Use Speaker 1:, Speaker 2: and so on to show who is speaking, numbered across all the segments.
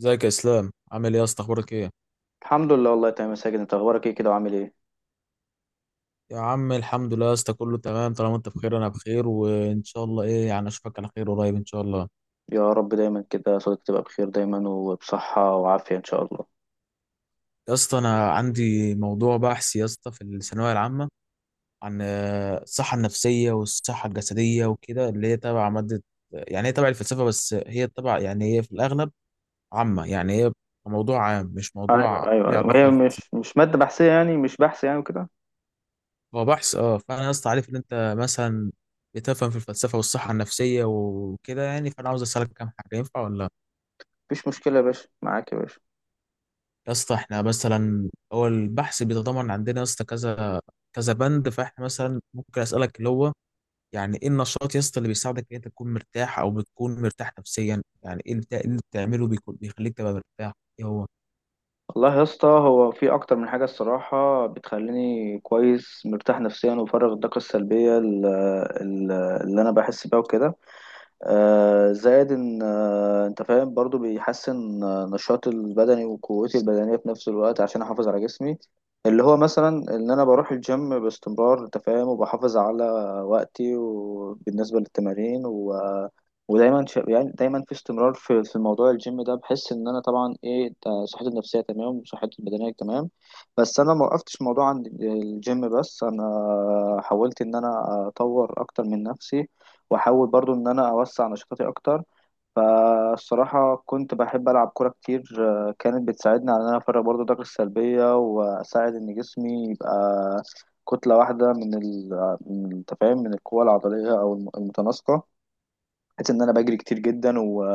Speaker 1: ازيك يا اسلام، عامل ايه يا اسطى؟ اخبارك ايه؟
Speaker 2: الحمد لله، والله تمام يا ساجد. انت اخبارك ايه كده وعامل ايه؟
Speaker 1: يا عم الحمد لله يا اسطى، كله تمام. طالما انت بخير انا بخير، وان شاء الله ايه يعني اشوفك على خير قريب ان شاء الله.
Speaker 2: يا رب دايما كده صوتك تبقى بخير دايما وبصحة وعافية ان شاء الله.
Speaker 1: يا اسطى انا عندي موضوع بحث يا اسطى في الثانويه العامه عن الصحه النفسيه والصحه الجسديه وكده، اللي هي تبع ماده. يعني هي تبع الفلسفه، بس هي تبع يعني هي في الاغلب عامه، يعني هي موضوع عام مش
Speaker 2: ايوه
Speaker 1: موضوع
Speaker 2: ايوه
Speaker 1: ليه
Speaker 2: ايوه، هي
Speaker 1: علاقه.
Speaker 2: مش مادة بحثية، يعني مش بحث يعني وكده.
Speaker 1: هو بحث اه، فانا يا اسطى عارف ان انت مثلا بتفهم في الفلسفه والصحه النفسيه وكده، يعني فانا عاوز اسالك كام حاجه، ينفع ولا لا؟
Speaker 2: مفيش مشكلة يا باشا، معاك يا باشا.
Speaker 1: يا اسطى احنا مثلا هو البحث بيتضمن عندنا يا اسطى كذا كذا بند، فاحنا مثلا ممكن اسالك اللي هو يعني ايه النشاط يا اسطى اللي بيساعدك ان انت تكون مرتاح او بتكون مرتاح نفسيا؟ يعني ايه اللي اللي بتعمله بيكون بيخليك تبقى مرتاح؟ ايه هو؟
Speaker 2: والله يا اسطى، هو في اكتر من حاجة الصراحة بتخليني كويس مرتاح نفسيا وبفرغ الطاقة السلبية ال- اللي انا بحس بيها وكده. زائد ان انت فاهم برضو بيحسن نشاطي البدني وقوتي البدنيه في نفس الوقت عشان احافظ على جسمي، اللي هو مثلا ان انا بروح الجيم باستمرار، انت فاهم، وبحافظ على وقتي وبالنسبه للتمارين ودايما يعني دايما في استمرار في موضوع الجيم ده. بحس ان انا طبعا ايه ده، صحتي النفسيه تمام وصحتي البدنيه تمام. بس انا ما وقفتش موضوع عند الجيم بس، انا حاولت ان انا اطور اكتر من نفسي واحاول برضو ان انا اوسع نشاطاتي اكتر. فالصراحة كنت بحب العب كورة كتير، كانت بتساعدني على ان انا افرغ برضو الطاقة السلبية واساعد ان جسمي يبقى كتلة واحدة من من التفاهم، من القوة العضلية او المتناسقة، بحيث ان انا بجري كتير جدا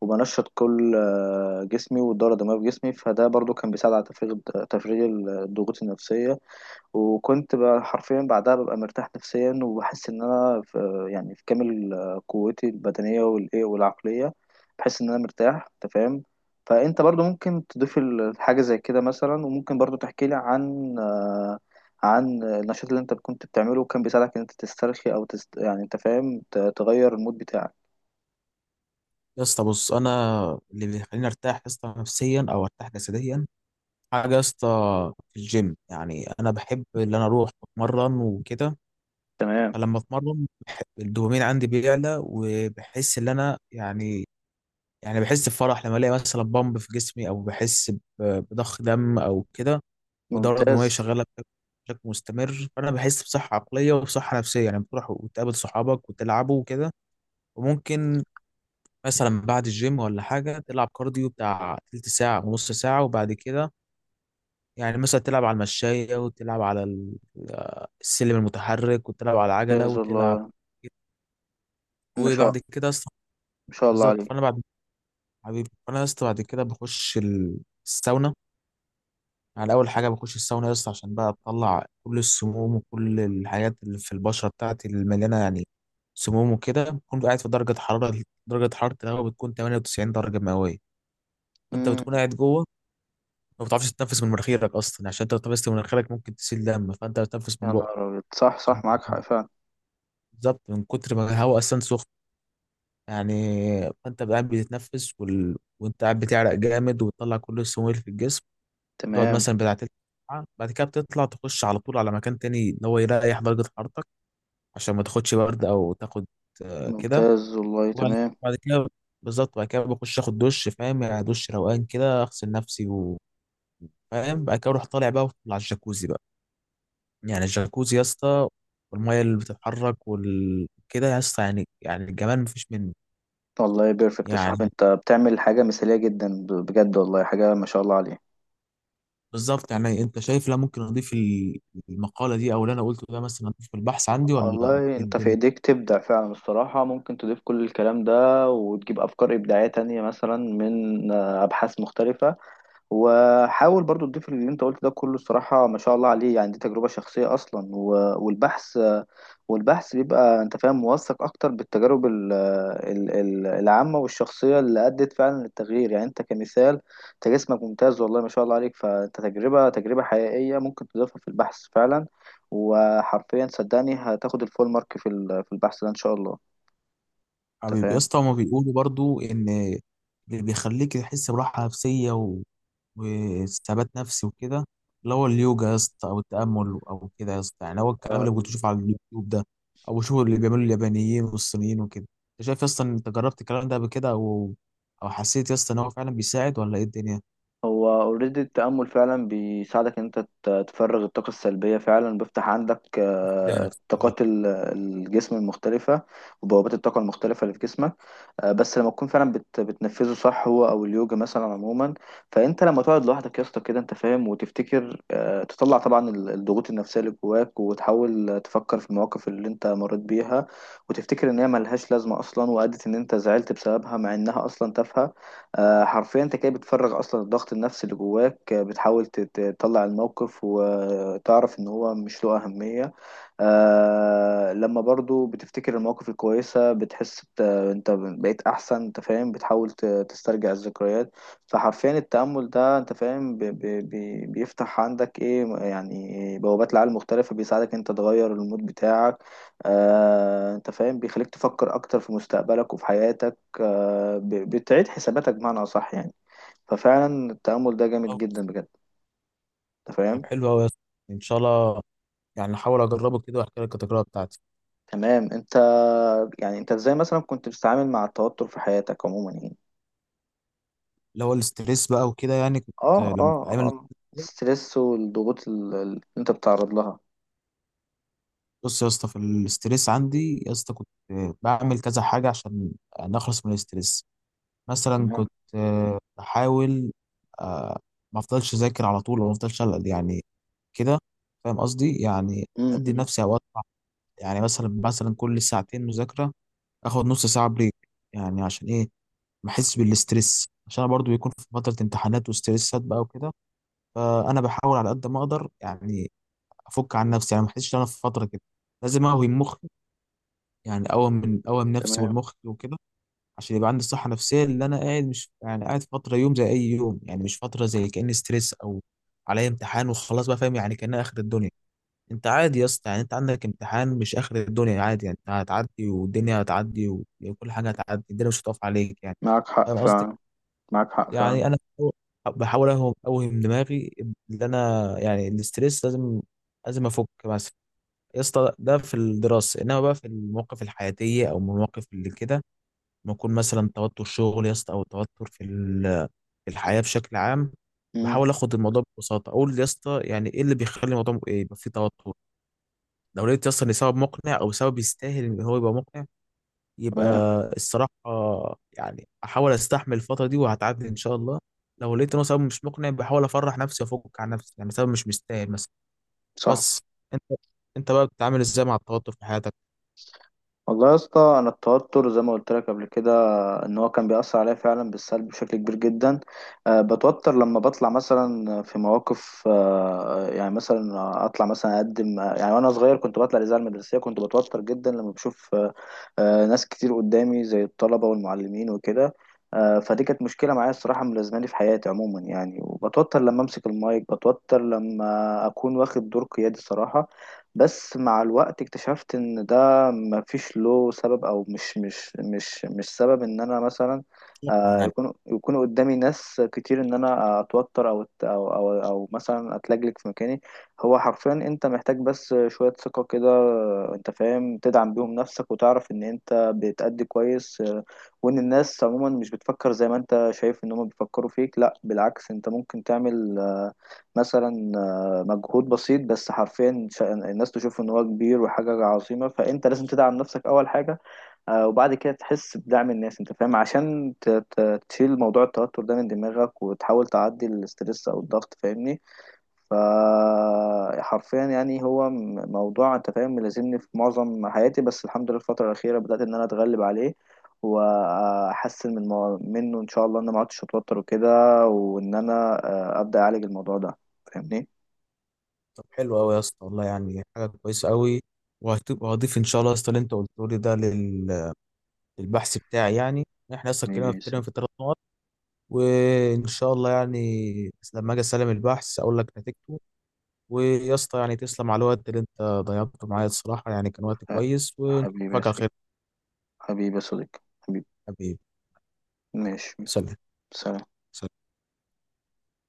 Speaker 2: وبنشط كل جسمي والدورة الدموية في جسمي. فده برضو كان بيساعد على تفريغ الضغوط النفسية. وكنت بقى حرفيا بعدها ببقى مرتاح نفسيا وبحس ان انا في، يعني في كامل قوتي البدنيه والايه والعقليه، بحس ان انا مرتاح، انت فاهم. فانت برضو ممكن تضيف حاجه زي كده مثلا، وممكن برضو تحكي لي عن عن النشاط اللي انت كنت بتعمله وكان بيساعدك ان انت تسترخي او يعني انت فاهم، تغير المود بتاعك.
Speaker 1: يا اسطى بص انا اللي بيخليني ارتاح يا اسطى نفسيا او ارتاح جسديا حاجة يا اسطى في الجيم. يعني أنا بحب إن أنا أروح أتمرن وكده.
Speaker 2: تمام.
Speaker 1: فلما أتمرن بحب الدوبامين عندي بيعلى، وبحس إن أنا يعني يعني بحس بفرح لما ألاقي مثلا بامب في جسمي، أو بحس بضخ دم أو كده، والدورة الدموية
Speaker 2: ممتاز.
Speaker 1: شغالة بشكل بشكل مستمر. فأنا بحس بصحة عقلية وبصحة نفسية. يعني بتروح وتقابل صحابك وتلعبوا وكده. وممكن مثلا بعد الجيم ولا حاجة تلعب كارديو بتاع تلت ساعة ونص ساعة، وبعد كده يعني مثلا تلعب على المشاية، وتلعب على السلم المتحرك، وتلعب على العجلة،
Speaker 2: ممتاز
Speaker 1: وتلعب
Speaker 2: والله. ما شاء،
Speaker 1: وبعد كده اصلا
Speaker 2: ما شاء الله
Speaker 1: بالظبط.
Speaker 2: عليك.
Speaker 1: فانا بعد حبيبي فانا يا اسطى بعد كده بخش الساونا. يعني اول حاجه بخش الساونا يا اسطى عشان بقى اطلع كل السموم وكل الحاجات اللي في البشره بتاعتي اللي مليانه يعني سموم وكده. بكون قاعد في درجه حراره، درجه حراره الهواء بتكون 98 درجه مئويه، فانت
Speaker 2: امم.
Speaker 1: بتكون قاعد جوه ما بتعرفش تتنفس من مناخيرك اصلا، عشان انت لو تنفست من مناخيرك ممكن تسيل دم، فانت بتنفس من
Speaker 2: يا
Speaker 1: بقك.
Speaker 2: نهار ابيض، صح صح معاك حق فعلا.
Speaker 1: بالظبط، من كتر ما الهواء اصلا سخن يعني. فانت قاعد بتتنفس وانت قاعد بتعرق جامد، وبتطلع كل السموم اللي في الجسم. بتقعد
Speaker 2: تمام.
Speaker 1: مثلا بتاع تلت ساعة، بعد كده بتطلع تخش على طول على مكان تاني ان هو يريح درجة حرارتك، عشان ما تاخدش برد او تاخد كده.
Speaker 2: ممتاز والله.
Speaker 1: وبعد
Speaker 2: تمام.
Speaker 1: بعد كده بالظبط، بعد كده بخش اخد دش، فاهم؟ يعني دش روقان كده، اغسل نفسي وفاهم. بعد كده اروح طالع بقى على الجاكوزي بقى. يعني الجاكوزي يا اسطى والميه اللي بتتحرك كده يا اسطى يعني يعني الجمال مفيش منه.
Speaker 2: والله بيرفكت يا
Speaker 1: يعني
Speaker 2: صاحبي، انت بتعمل حاجة مثالية جدا، بجد والله حاجة ما شاء الله عليها.
Speaker 1: بالظبط. يعني انت شايف لا ممكن اضيف المقاله دي او اللي انا قلته ده مثلا اضيف في البحث عندي ولا
Speaker 2: والله
Speaker 1: إيه
Speaker 2: انت في
Speaker 1: الدنيا؟
Speaker 2: ايديك تبدع فعلا الصراحة، ممكن تضيف كل الكلام ده وتجيب افكار ابداعية تانية مثلا من ابحاث مختلفة. وحاول برضو تضيف اللي انت قلت ده كله، الصراحة ما شاء الله عليه، يعني دي تجربة شخصية أصلا. والبحث، والبحث بيبقى انت فاهم موثق أكتر بالتجارب العامة والشخصية اللي أدت فعلا للتغيير. يعني انت كمثال، انت جسمك ممتاز والله ما شاء الله عليك، فانت تجربة حقيقية ممكن تضيفها في البحث فعلا. وحرفيا صدقني هتاخد الفول مارك في البحث ده إن شاء الله. انت
Speaker 1: حبيبي يا اسطى، هما بيقولوا برضو ان اللي بيخليك تحس براحه نفسيه وثبات نفسي وكده اللي هو اليوجا يا اسطى او التامل او كده يا اسطى، يعني هو الكلام اللي كنت
Speaker 2: فاهم.
Speaker 1: بشوفه على اليوتيوب ده، او بشوفه اللي بيعملوا اليابانيين والصينيين وكده. انت شايف يا اسطى ان انت جربت الكلام ده قبل كده، او او حسيت يا اسطى ان هو فعلا بيساعد ولا ايه الدنيا؟
Speaker 2: هو اوريدي التأمل فعلا بيساعدك ان انت تفرغ الطاقة السلبية، فعلا بيفتح عندك طاقات الجسم المختلفة وبوابات الطاقة المختلفة اللي في جسمك. بس لما تكون فعلا بتنفذه صح، هو او اليوجا مثلا عموما. فانت لما تقعد لوحدك يا اسطى كده، انت فاهم، وتفتكر، تطلع طبعا الضغوط النفسية اللي جواك، وتحاول تفكر في المواقف اللي انت مريت بيها وتفتكر ان هي ملهاش لازمة اصلا، وادت ان انت زعلت بسببها مع انها اصلا تافهة. حرفيا انت كده بتفرغ اصلا الضغط النفسي اللي جواك، بتحاول تطلع الموقف وتعرف ان هو مش له اهمية. آه، لما برضو بتفتكر المواقف الكويسة بتحس انت بقيت احسن، انت فاهم، بتحاول تسترجع الذكريات. فحرفيا التأمل ده انت فاهم ب... بيفتح عندك ايه يعني، بوابات لعالم مختلفة، بيساعدك انت تغير المود بتاعك. آه انت فاهم، بيخليك تفكر اكتر في مستقبلك وفي حياتك. بتعيد حساباتك بمعنى أصح يعني. ففعلا التأمل ده جامد
Speaker 1: طب
Speaker 2: جدا بجد. أنت
Speaker 1: طب
Speaker 2: فاهم.
Speaker 1: حلو قوي يا اسطى، ان شاء الله يعني هحاول اجربه كده واحكي لك التجربه بتاعتي.
Speaker 2: تمام. أنت، يعني أنت إزاي مثلا كنت بتتعامل مع التوتر في حياتك عموما يعني؟
Speaker 1: اللي هو الاستريس بقى وكده، يعني كنت
Speaker 2: آه
Speaker 1: لما في
Speaker 2: آه
Speaker 1: ايام
Speaker 2: آه الستريس والضغوط اللي أنت بتتعرض لها.
Speaker 1: بص يا اسطى، في الاستريس عندي يا اسطى كنت بعمل كذا حاجه عشان نخلص من الاستريس. مثلا
Speaker 2: تمام.
Speaker 1: كنت بحاول آه، ما افضلش اذاكر على طول، وما افضلش أقعد يعني كده، فاهم قصدي؟ يعني ادي
Speaker 2: م.
Speaker 1: نفسي اوقات، يعني مثلا كل ساعتين مذاكره اخد نص ساعه بريك، يعني عشان ايه؟ ما احسش بالاستريس، عشان أنا برضو بيكون في فتره امتحانات وستريسات بقى وكده. فانا بحاول على قد ما اقدر يعني افك عن نفسي، يعني ما احسش ان انا في فتره كده لازم اقوي المخ. يعني اقوي من نفسي
Speaker 2: تمام.
Speaker 1: والمخ وكده، عشان يبقى عندي صحه نفسيه اللي انا قاعد مش يعني قاعد فتره يوم زي اي يوم، يعني مش فتره زي كاني ستريس او عليا امتحان وخلاص بقى، فاهم؟ يعني كانها اخر الدنيا. انت عادي يا اسطى، يعني انت عندك امتحان مش اخر الدنيا، عادي، يعني انت هتعدي والدنيا هتعدي وكل حاجه هتعدي، الدنيا مش هتقف عليك يعني،
Speaker 2: معاك حق
Speaker 1: فاهم قصدي؟
Speaker 2: فعلا. معاك حق فعلا.
Speaker 1: يعني انا بحاول اوهم دماغي ان انا يعني الاستريس لازم لازم افك مثلا. يا اسطى ده في الدراسه، انما بقى في المواقف الحياتيه او المواقف اللي كده، ما يكون مثلا توتر شغل يا اسطى او توتر في في الحياه بشكل عام،
Speaker 2: م-.
Speaker 1: بحاول اخد الموضوع ببساطه. اقول يا اسطى يعني ايه اللي بيخلي الموضوع م- إيه يبقى فيه توتر؟ لو لقيت يا اسطى ان سبب مقنع او سبب يستاهل ان هو يبقى مقنع، يبقى
Speaker 2: تمام.
Speaker 1: الصراحة يعني أحاول أستحمل الفترة دي وهتعدي إن شاء الله. لو لقيت إن هو سبب مش مقنع بحاول أفرح نفسي وأفك عن نفسي، يعني سبب مش مستاهل مثلا.
Speaker 2: صح.
Speaker 1: بس أنت بقى بتتعامل إزاي مع التوتر في حياتك
Speaker 2: والله يا اسطى، أنا التوتر زي ما قلت لك قبل كده، ان هو كان بيأثر عليا فعلا بالسلب بشكل كبير جدا. بتوتر لما بطلع مثلا في مواقف، يعني مثلا اطلع مثلا اقدم، يعني وانا صغير كنت بطلع الاذاعه المدرسيه، كنت بتوتر جدا لما بشوف ناس كتير قدامي زي الطلبه والمعلمين وكده. فدي كانت مشكله معايا الصراحه ملازماني في حياتي عموما يعني، وبتوتر لما امسك المايك، بتوتر لما اكون واخد دور قيادي صراحه. بس مع الوقت اكتشفت ان ده مفيش له سبب، او مش سبب ان انا مثلا
Speaker 1: يعني؟
Speaker 2: يكون قدامي ناس كتير ان انا اتوتر او أو مثلا اتلجلج في مكاني. هو حرفيا انت محتاج بس شوية ثقة كده، انت فاهم، تدعم بيهم نفسك وتعرف ان انت بتأدي كويس، وان الناس عموما مش بتفكر زي ما انت شايف ان هم بيفكروا فيك، لا بالعكس. انت ممكن تعمل مثلا مجهود بسيط بس حرفيا الناس تشوف ان هو كبير وحاجة عظيمة، فانت لازم تدعم نفسك اول حاجة. وبعد كده تحس بدعم الناس، انت فاهم، عشان تشيل موضوع التوتر ده من دماغك وتحاول تعدي الاسترس او الضغط، فاهمني؟ فحرفيا يعني هو موضوع انت فاهم ملازمني في معظم حياتي، بس الحمد لله الفترة الأخيرة بدأت ان انا اتغلب عليه واحسن منه، ان شاء الله ان انا ما عدتش اتوتر وكده، وان انا ابدا اعالج الموضوع ده، فاهمني.
Speaker 1: طب حلو أوي يا اسطى، والله يعني حاجة كويسة أوي. وهضيف إن شاء الله يا اسطى اللي أنت قلته لي ده للبحث بتاعي يعني. إحنا أصلا اتكلمنا في تقريباً
Speaker 2: ماشي.
Speaker 1: في 3 نقط، وإن شاء الله يعني لما أجي أسلم البحث أقول لك نتيجته. ويا اسطى يعني تسلم على الوقت اللي انت ضيعته معايا، الصراحة يعني كان وقت
Speaker 2: أه،
Speaker 1: كويس، ونشوفك
Speaker 2: حبيبي يا
Speaker 1: على
Speaker 2: سيدي.
Speaker 1: خير.
Speaker 2: حبيبي يا صديقي. حبيبي.
Speaker 1: حبيبي.
Speaker 2: ماشي.
Speaker 1: سلام.
Speaker 2: سلام.
Speaker 1: سلام.